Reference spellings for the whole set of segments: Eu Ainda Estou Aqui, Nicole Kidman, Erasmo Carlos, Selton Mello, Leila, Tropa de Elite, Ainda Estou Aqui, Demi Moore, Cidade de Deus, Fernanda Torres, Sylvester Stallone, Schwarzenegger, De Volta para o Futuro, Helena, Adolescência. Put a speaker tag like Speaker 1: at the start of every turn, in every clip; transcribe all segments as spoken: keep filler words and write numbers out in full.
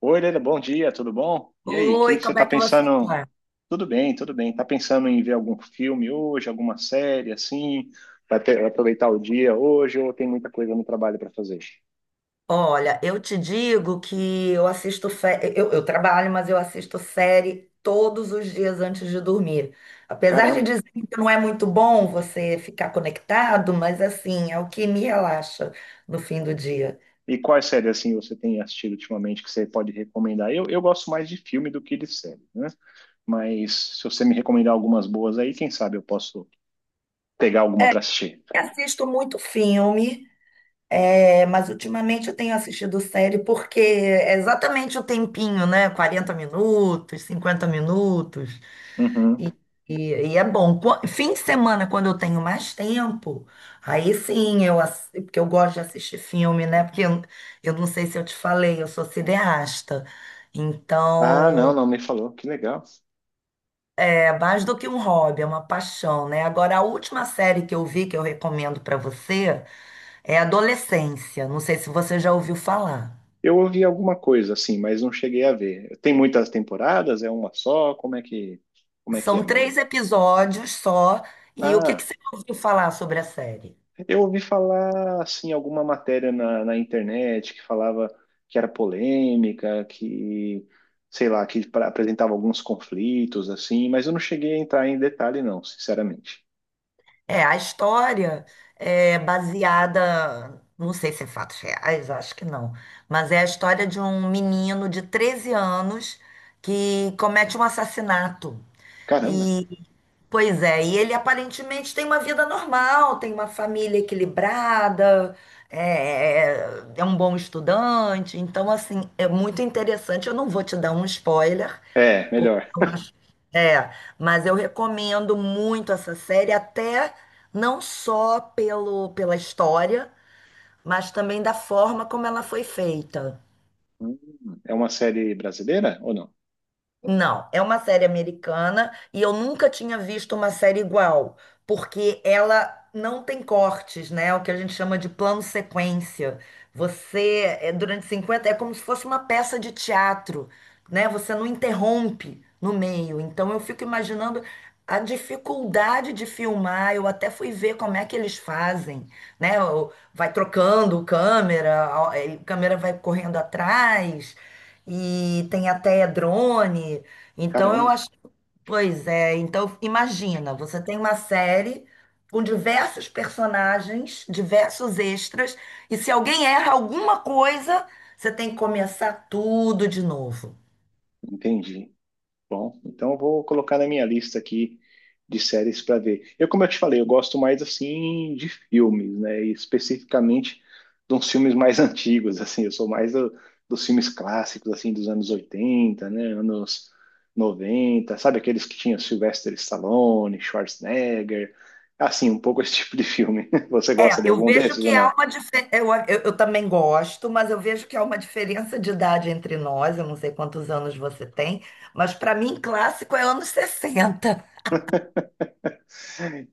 Speaker 1: Oi, Helena, bom dia, tudo bom? E aí, o que
Speaker 2: Oi,
Speaker 1: que você
Speaker 2: como
Speaker 1: está
Speaker 2: é que você
Speaker 1: pensando?
Speaker 2: tá?
Speaker 1: Tudo bem, tudo bem. Está pensando em ver algum filme hoje, alguma série assim? Para ter- vai aproveitar o dia hoje ou tem muita coisa no trabalho para fazer?
Speaker 2: Olha, eu te digo que eu assisto sé- eu, eu trabalho, mas eu assisto série todos os dias antes de dormir. Apesar de
Speaker 1: Caramba!
Speaker 2: dizer que não é muito bom você ficar conectado, mas assim, é o que me relaxa no fim do dia.
Speaker 1: E quais séries assim você tem assistido ultimamente que você pode recomendar? Eu, eu gosto mais de filme do que de série, né? Mas se você me recomendar algumas boas aí, quem sabe eu posso pegar alguma para assistir.
Speaker 2: Eu assisto muito filme, é, mas ultimamente eu tenho assistido série porque é exatamente o tempinho, né? Quarenta minutos, cinquenta minutos.
Speaker 1: Uhum.
Speaker 2: E, e- e é bom. Qua- Fim de semana, quando eu tenho mais tempo, aí sim eu, ass- porque eu gosto de assistir filme, né? Porque eu, eu não sei se eu te falei, eu sou cineasta.
Speaker 1: Ah, não,
Speaker 2: Então,
Speaker 1: não me falou. Que legal.
Speaker 2: é mais do que um hobby, é uma paixão, né? Agora, a última série que eu vi, que eu recomendo para você, é Adolescência. Não sei se você já ouviu falar.
Speaker 1: Eu ouvi alguma coisa assim, mas não cheguei a ver. Tem muitas temporadas? É uma só? Como é que, como é que é,
Speaker 2: São
Speaker 1: mais ou
Speaker 2: três
Speaker 1: menos?
Speaker 2: episódios só. E o que que
Speaker 1: Ah,
Speaker 2: você ouviu falar sobre a série?
Speaker 1: eu ouvi falar assim alguma matéria na, na internet que falava que era polêmica, que sei lá, que pra- apresentava alguns conflitos assim, mas eu não cheguei a entrar em detalhe não, sinceramente.
Speaker 2: É, a história é baseada, não sei se em fatos reais, acho que não, mas é a história de um menino de treze anos que comete um assassinato.
Speaker 1: Caramba.
Speaker 2: E, pois é, e ele aparentemente tem uma vida normal, tem uma família equilibrada, é, é é um bom estudante, então, assim, é muito interessante. Eu não vou te dar um spoiler,
Speaker 1: É,
Speaker 2: porque
Speaker 1: melhor.
Speaker 2: eu acho- É, mas eu recomendo muito essa série, até não só pelo, pela história, mas também da forma como ela foi feita.
Speaker 1: Hum, É uma série brasileira ou não?
Speaker 2: Não, é uma série americana e eu nunca tinha visto uma série igual, porque ela não tem cortes, né? É o que a gente chama de plano sequência. Você, é, durante cinquenta é como se fosse uma peça de teatro, né? Você não interrompe no meio. Então eu fico imaginando a dificuldade de filmar. Eu até fui ver como é que eles fazem, né? O- Vai trocando câmera, a a câmera vai correndo atrás e tem até drone. Então eu
Speaker 1: Caramba,
Speaker 2: acho, pois é, então imagina, você tem uma série com diversos personagens, diversos extras, e se alguém erra alguma coisa, você tem que começar tudo de novo.
Speaker 1: entendi. Bom, então eu vou colocar na minha lista aqui de séries para ver. Eu, como eu te falei, eu gosto mais assim de filmes, né? E especificamente de uns filmes mais antigos, assim. Eu sou mais do- Dos filmes clássicos, assim, dos anos oitenta, né? Anos noventa, sabe, aqueles que tinha Sylvester Stallone, Schwarzenegger, assim, um pouco esse tipo de filme. Você gosta
Speaker 2: É,
Speaker 1: de
Speaker 2: eu
Speaker 1: algum
Speaker 2: vejo
Speaker 1: desses
Speaker 2: que
Speaker 1: ou
Speaker 2: há
Speaker 1: não?
Speaker 2: uma diferença. Eu, eu, eu também gosto, mas eu vejo que há uma diferença de idade entre nós. Eu não sei quantos anos você tem, mas para mim, clássico é anos sessenta.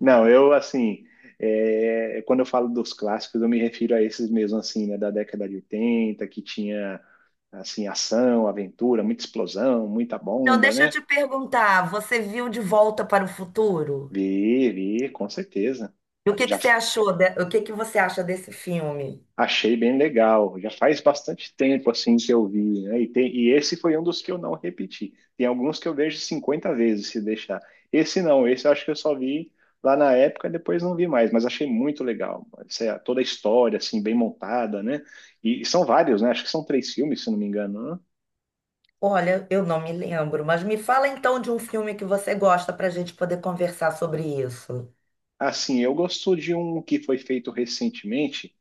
Speaker 1: Não, eu assim, é, quando eu falo dos clássicos, eu me refiro a esses mesmo assim, né, da década de oitenta, que tinha assim ação, aventura, muita explosão, muita
Speaker 2: Então,
Speaker 1: bomba,
Speaker 2: deixa eu
Speaker 1: né?
Speaker 2: te perguntar, você viu De Volta para o Futuro?
Speaker 1: Vi, vi, com certeza.
Speaker 2: E o que que
Speaker 1: Já
Speaker 2: você achou, de- o que que você acha desse filme?
Speaker 1: Achei bem legal. Já faz bastante tempo assim que eu vi, né? E, tem- e esse foi um dos que eu não repeti. Tem alguns que eu vejo cinquenta vezes se deixar. Esse não, esse eu acho que eu só vi lá na época e depois não vi mais, mas achei muito legal. Essa- é toda a história assim bem montada, né? E, e são vários, né? Acho que são três filmes, se não me engano, né?
Speaker 2: Olha, eu não me lembro, mas me fala então de um filme que você gosta para a gente poder conversar sobre isso.
Speaker 1: Assim, eu gosto de um que foi feito recentemente.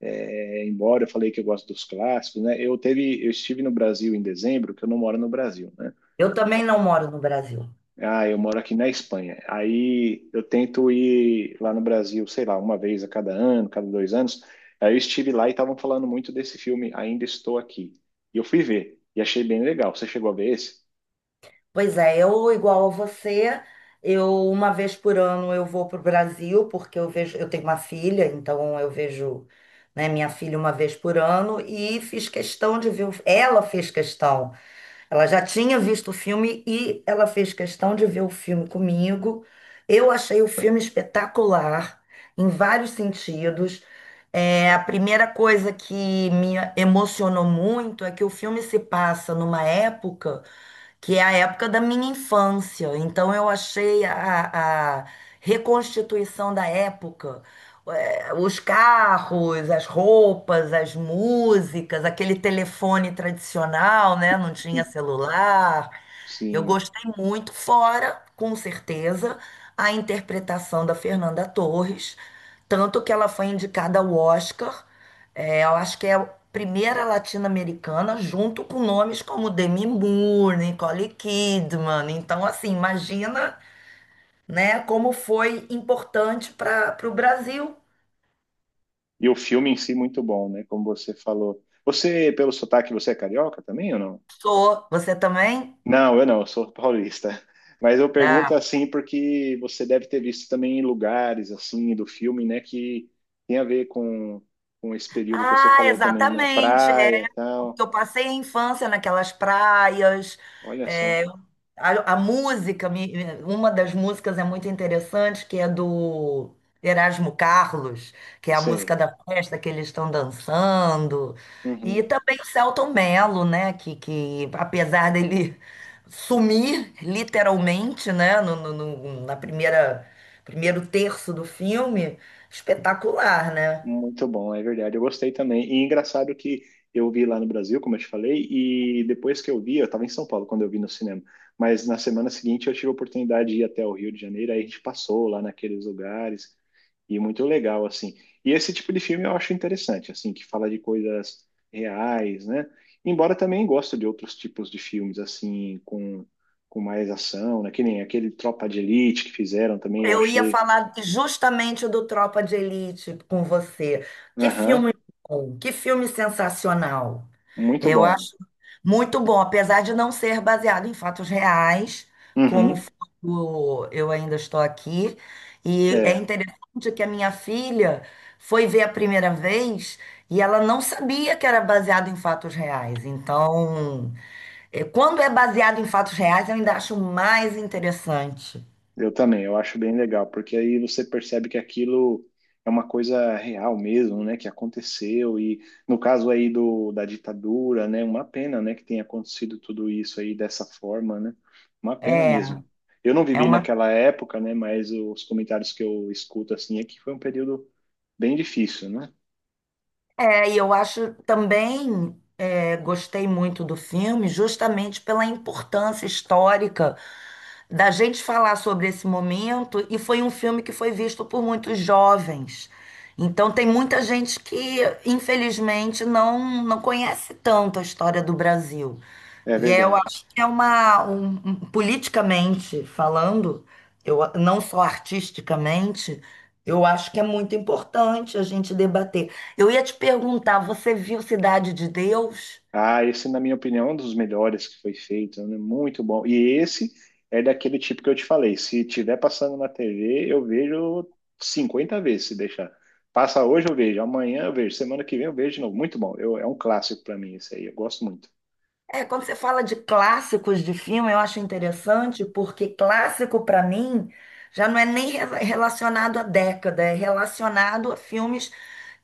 Speaker 1: É, embora eu falei que eu gosto dos clássicos, né? Eu teve, eu estive no Brasil em dezembro, que eu não moro no Brasil, né?
Speaker 2: Eu também não moro no Brasil.
Speaker 1: Ah, eu moro aqui na Espanha. Aí eu tento ir lá no Brasil, sei lá, uma vez a cada ano, cada dois anos. Aí eu estive lá e estavam falando muito desse filme Ainda Estou Aqui. E eu fui ver e achei bem legal. Você chegou a ver esse?
Speaker 2: Pois é, eu igual a você, eu uma vez por ano eu vou para o Brasil porque eu vejo, eu tenho uma filha, então eu vejo, né, minha filha uma vez por ano e fiz questão de ver, o- ela fez questão. Ela já tinha visto o filme e ela fez questão de ver o filme comigo. Eu achei o filme espetacular em vários sentidos. É, a primeira coisa que me emocionou muito é que o filme se passa numa época que é a época da minha infância. Então eu achei a, a reconstituição da época, eh, os carros, as roupas, as músicas, aquele telefone tradicional, né? Não tinha celular. Eu
Speaker 1: Sim.
Speaker 2: gostei muito, fora, com certeza, a interpretação da Fernanda Torres, tanto que ela foi indicada ao Oscar. É, eu acho que é a primeira latino-americana, junto com nomes como Demi Moore, Nicole Kidman. Então, assim, imagina, né, como foi importante para o Brasil.
Speaker 1: E o filme em si muito bom, né? Como você falou. Você, pelo sotaque, você é carioca também ou não?
Speaker 2: Sou. Você também?
Speaker 1: Não, eu não, eu sou paulista. Mas eu pergunto
Speaker 2: Ah,
Speaker 1: assim porque você deve ter visto também lugares assim do filme, né, que tem a ver com, com esse período que você
Speaker 2: ah,
Speaker 1: falou também, né,
Speaker 2: exatamente. É,
Speaker 1: praia, tal.
Speaker 2: porque eu passei a infância naquelas praias.
Speaker 1: Olha só,
Speaker 2: É, a, a música, me- uma das músicas é muito interessante, que é do Erasmo Carlos, que é a música
Speaker 1: sei.
Speaker 2: da festa que eles estão dançando. E
Speaker 1: Uhum.
Speaker 2: também o Selton Mello, né? Que, que apesar dele sumir literalmente, né? No, no- no- na primeira, primeiro terço do filme, espetacular, né?
Speaker 1: Muito bom, é verdade. Eu gostei também. E engraçado que eu vi lá no Brasil, como eu te falei, e depois que eu vi, eu estava em São Paulo quando eu vi no cinema. Mas na semana seguinte eu tive a oportunidade de ir até o Rio de Janeiro, aí a gente passou lá naqueles lugares. E muito legal, assim. E esse tipo de filme eu acho interessante, assim, que fala de coisas reais, né? Embora também gosto de outros tipos de filmes, assim, com, com mais ação, né? Que nem aquele Tropa de Elite que fizeram também, eu
Speaker 2: Eu ia
Speaker 1: achei,
Speaker 2: falar justamente do Tropa de Elite com você. Que
Speaker 1: aham,
Speaker 2: filme bom, que filme sensacional.
Speaker 1: muito
Speaker 2: Eu
Speaker 1: bom.
Speaker 2: acho muito bom, apesar de não ser baseado em fatos reais, como
Speaker 1: Uhum,
Speaker 2: foi o Eu Ainda Estou Aqui. E é
Speaker 1: é.
Speaker 2: interessante que a minha filha foi ver a primeira vez e ela não sabia que era baseado em fatos reais. Então, eh, quando é baseado em fatos reais, eu ainda acho mais interessante.
Speaker 1: Eu também, eu acho bem legal, porque aí você percebe que aquilo é uma coisa real mesmo, né, que aconteceu e no caso aí do da ditadura, né, uma pena, né, que tenha acontecido tudo isso aí dessa forma, né? Uma pena
Speaker 2: É,
Speaker 1: mesmo. Eu não
Speaker 2: é
Speaker 1: vivi
Speaker 2: uma
Speaker 1: naquela época, né, mas os comentários que eu escuto assim é que foi um período bem difícil, né?
Speaker 2: É, e eu acho também, é, gostei muito do filme, justamente pela importância histórica da gente falar sobre esse momento, e foi um filme que foi visto por muitos jovens. Então, tem muita gente que, infelizmente, não, não conhece tanto a história do Brasil.
Speaker 1: É
Speaker 2: E é, eu
Speaker 1: verdade.
Speaker 2: acho que é uma, um- um- politicamente falando, eu, não só artisticamente, eu acho que é muito importante a gente debater. Eu ia te perguntar, você viu Cidade de Deus?
Speaker 1: Ah, esse, na minha opinião, é um dos melhores que foi feito, né? Muito bom. E esse é daquele tipo que eu te falei. Se tiver passando na T V, eu vejo cinquenta vezes, se deixar. Passa hoje, eu vejo. Amanhã eu vejo. Semana que vem eu vejo de novo. Muito bom. Eu- é um clássico para mim esse aí. Eu gosto muito.
Speaker 2: É, quando você fala de clássicos de filme, eu acho interessante, porque clássico para mim já não é nem re- relacionado à década, é relacionado a filmes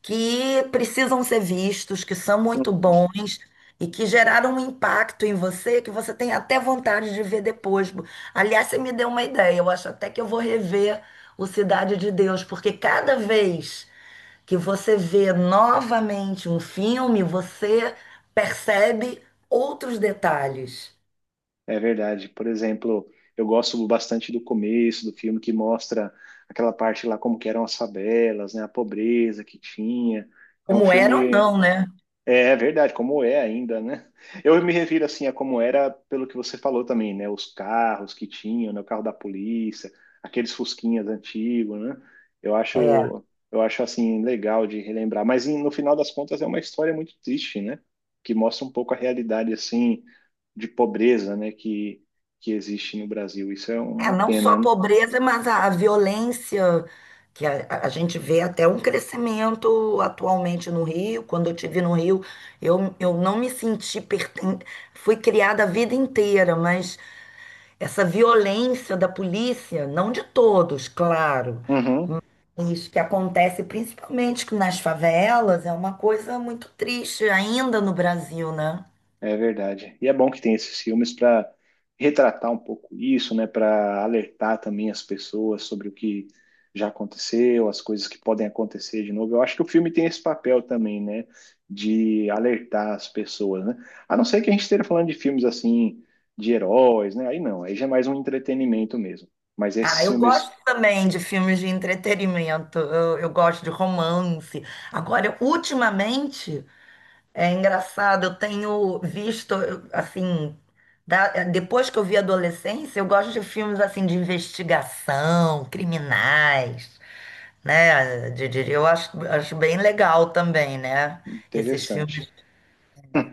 Speaker 2: que precisam ser vistos, que são muito bons e que geraram um impacto em você que você tem até vontade de ver depois. Aliás, você me deu uma ideia, eu acho até que eu vou rever o Cidade de Deus, porque cada vez que você vê novamente um filme, você percebe outros detalhes,
Speaker 1: É verdade. Por exemplo, eu gosto bastante do começo do filme que mostra aquela parte lá como que eram as favelas, né? A pobreza que tinha. É um
Speaker 2: como era ou
Speaker 1: filme.
Speaker 2: não, né?
Speaker 1: É é verdade, como é ainda, né? Eu me refiro assim a como era pelo que você falou também, né? Os carros que tinham, né? O carro da polícia, aqueles fusquinhas antigos, né? Eu
Speaker 2: É,
Speaker 1: acho, eu acho assim legal de relembrar, mas em- no final das contas é uma história muito triste, né? Que mostra um pouco a realidade assim de pobreza, né? Que que existe no Brasil. Isso é
Speaker 2: é
Speaker 1: uma
Speaker 2: não só
Speaker 1: pena,
Speaker 2: a
Speaker 1: né?
Speaker 2: pobreza, mas a, a violência, que a, a- a gente vê até um crescimento atualmente no Rio. Quando eu estive no Rio, eu, eu não me senti perten... Fui criada a vida inteira, mas essa violência da polícia, não de todos, claro,
Speaker 1: Uhum.
Speaker 2: isso que acontece principalmente que nas favelas é uma coisa muito triste ainda no Brasil, né?
Speaker 1: É verdade. E é bom que tem esses filmes para retratar um pouco isso, né? Para alertar também as pessoas sobre o que já aconteceu, as coisas que podem acontecer de novo. Eu acho que o filme tem esse papel também, né? De alertar as pessoas, né? A não ser que a gente esteja falando de filmes assim, de heróis, né? Aí não, aí já é mais um entretenimento mesmo. Mas
Speaker 2: Ah,
Speaker 1: esses
Speaker 2: eu gosto
Speaker 1: filmes,
Speaker 2: também de filmes de entretenimento, eu, eu gosto de romance. Agora, ultimamente, é engraçado, eu tenho visto, eu, assim, da- depois que eu vi adolescência, eu gosto de filmes assim de investigação, criminais, né? de- de- Eu acho, acho bem legal também, né? Esses
Speaker 1: interessante.
Speaker 2: filmes. É.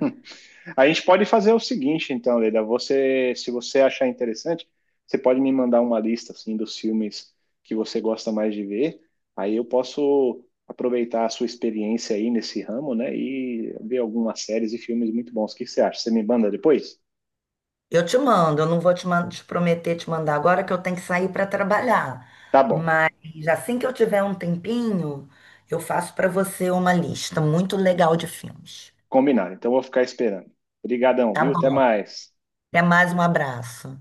Speaker 1: A gente pode fazer o seguinte, então, Leila, você, se você achar interessante, você pode me mandar uma lista assim dos filmes que você gosta mais de ver. Aí eu posso aproveitar a sua experiência aí nesse ramo, né, e ver algumas séries e filmes muito bons. O que você acha? Você me manda depois?
Speaker 2: Eu te mando, eu não vou te, man- te prometer te mandar agora que eu tenho que sair para trabalhar.
Speaker 1: Tá bom,
Speaker 2: Mas assim que eu tiver um tempinho, eu faço para você uma lista muito legal de filmes.
Speaker 1: combinado. Então eu vou ficar esperando. Obrigadão,
Speaker 2: Tá
Speaker 1: viu? Até
Speaker 2: bom.
Speaker 1: mais.
Speaker 2: Até mais, um abraço.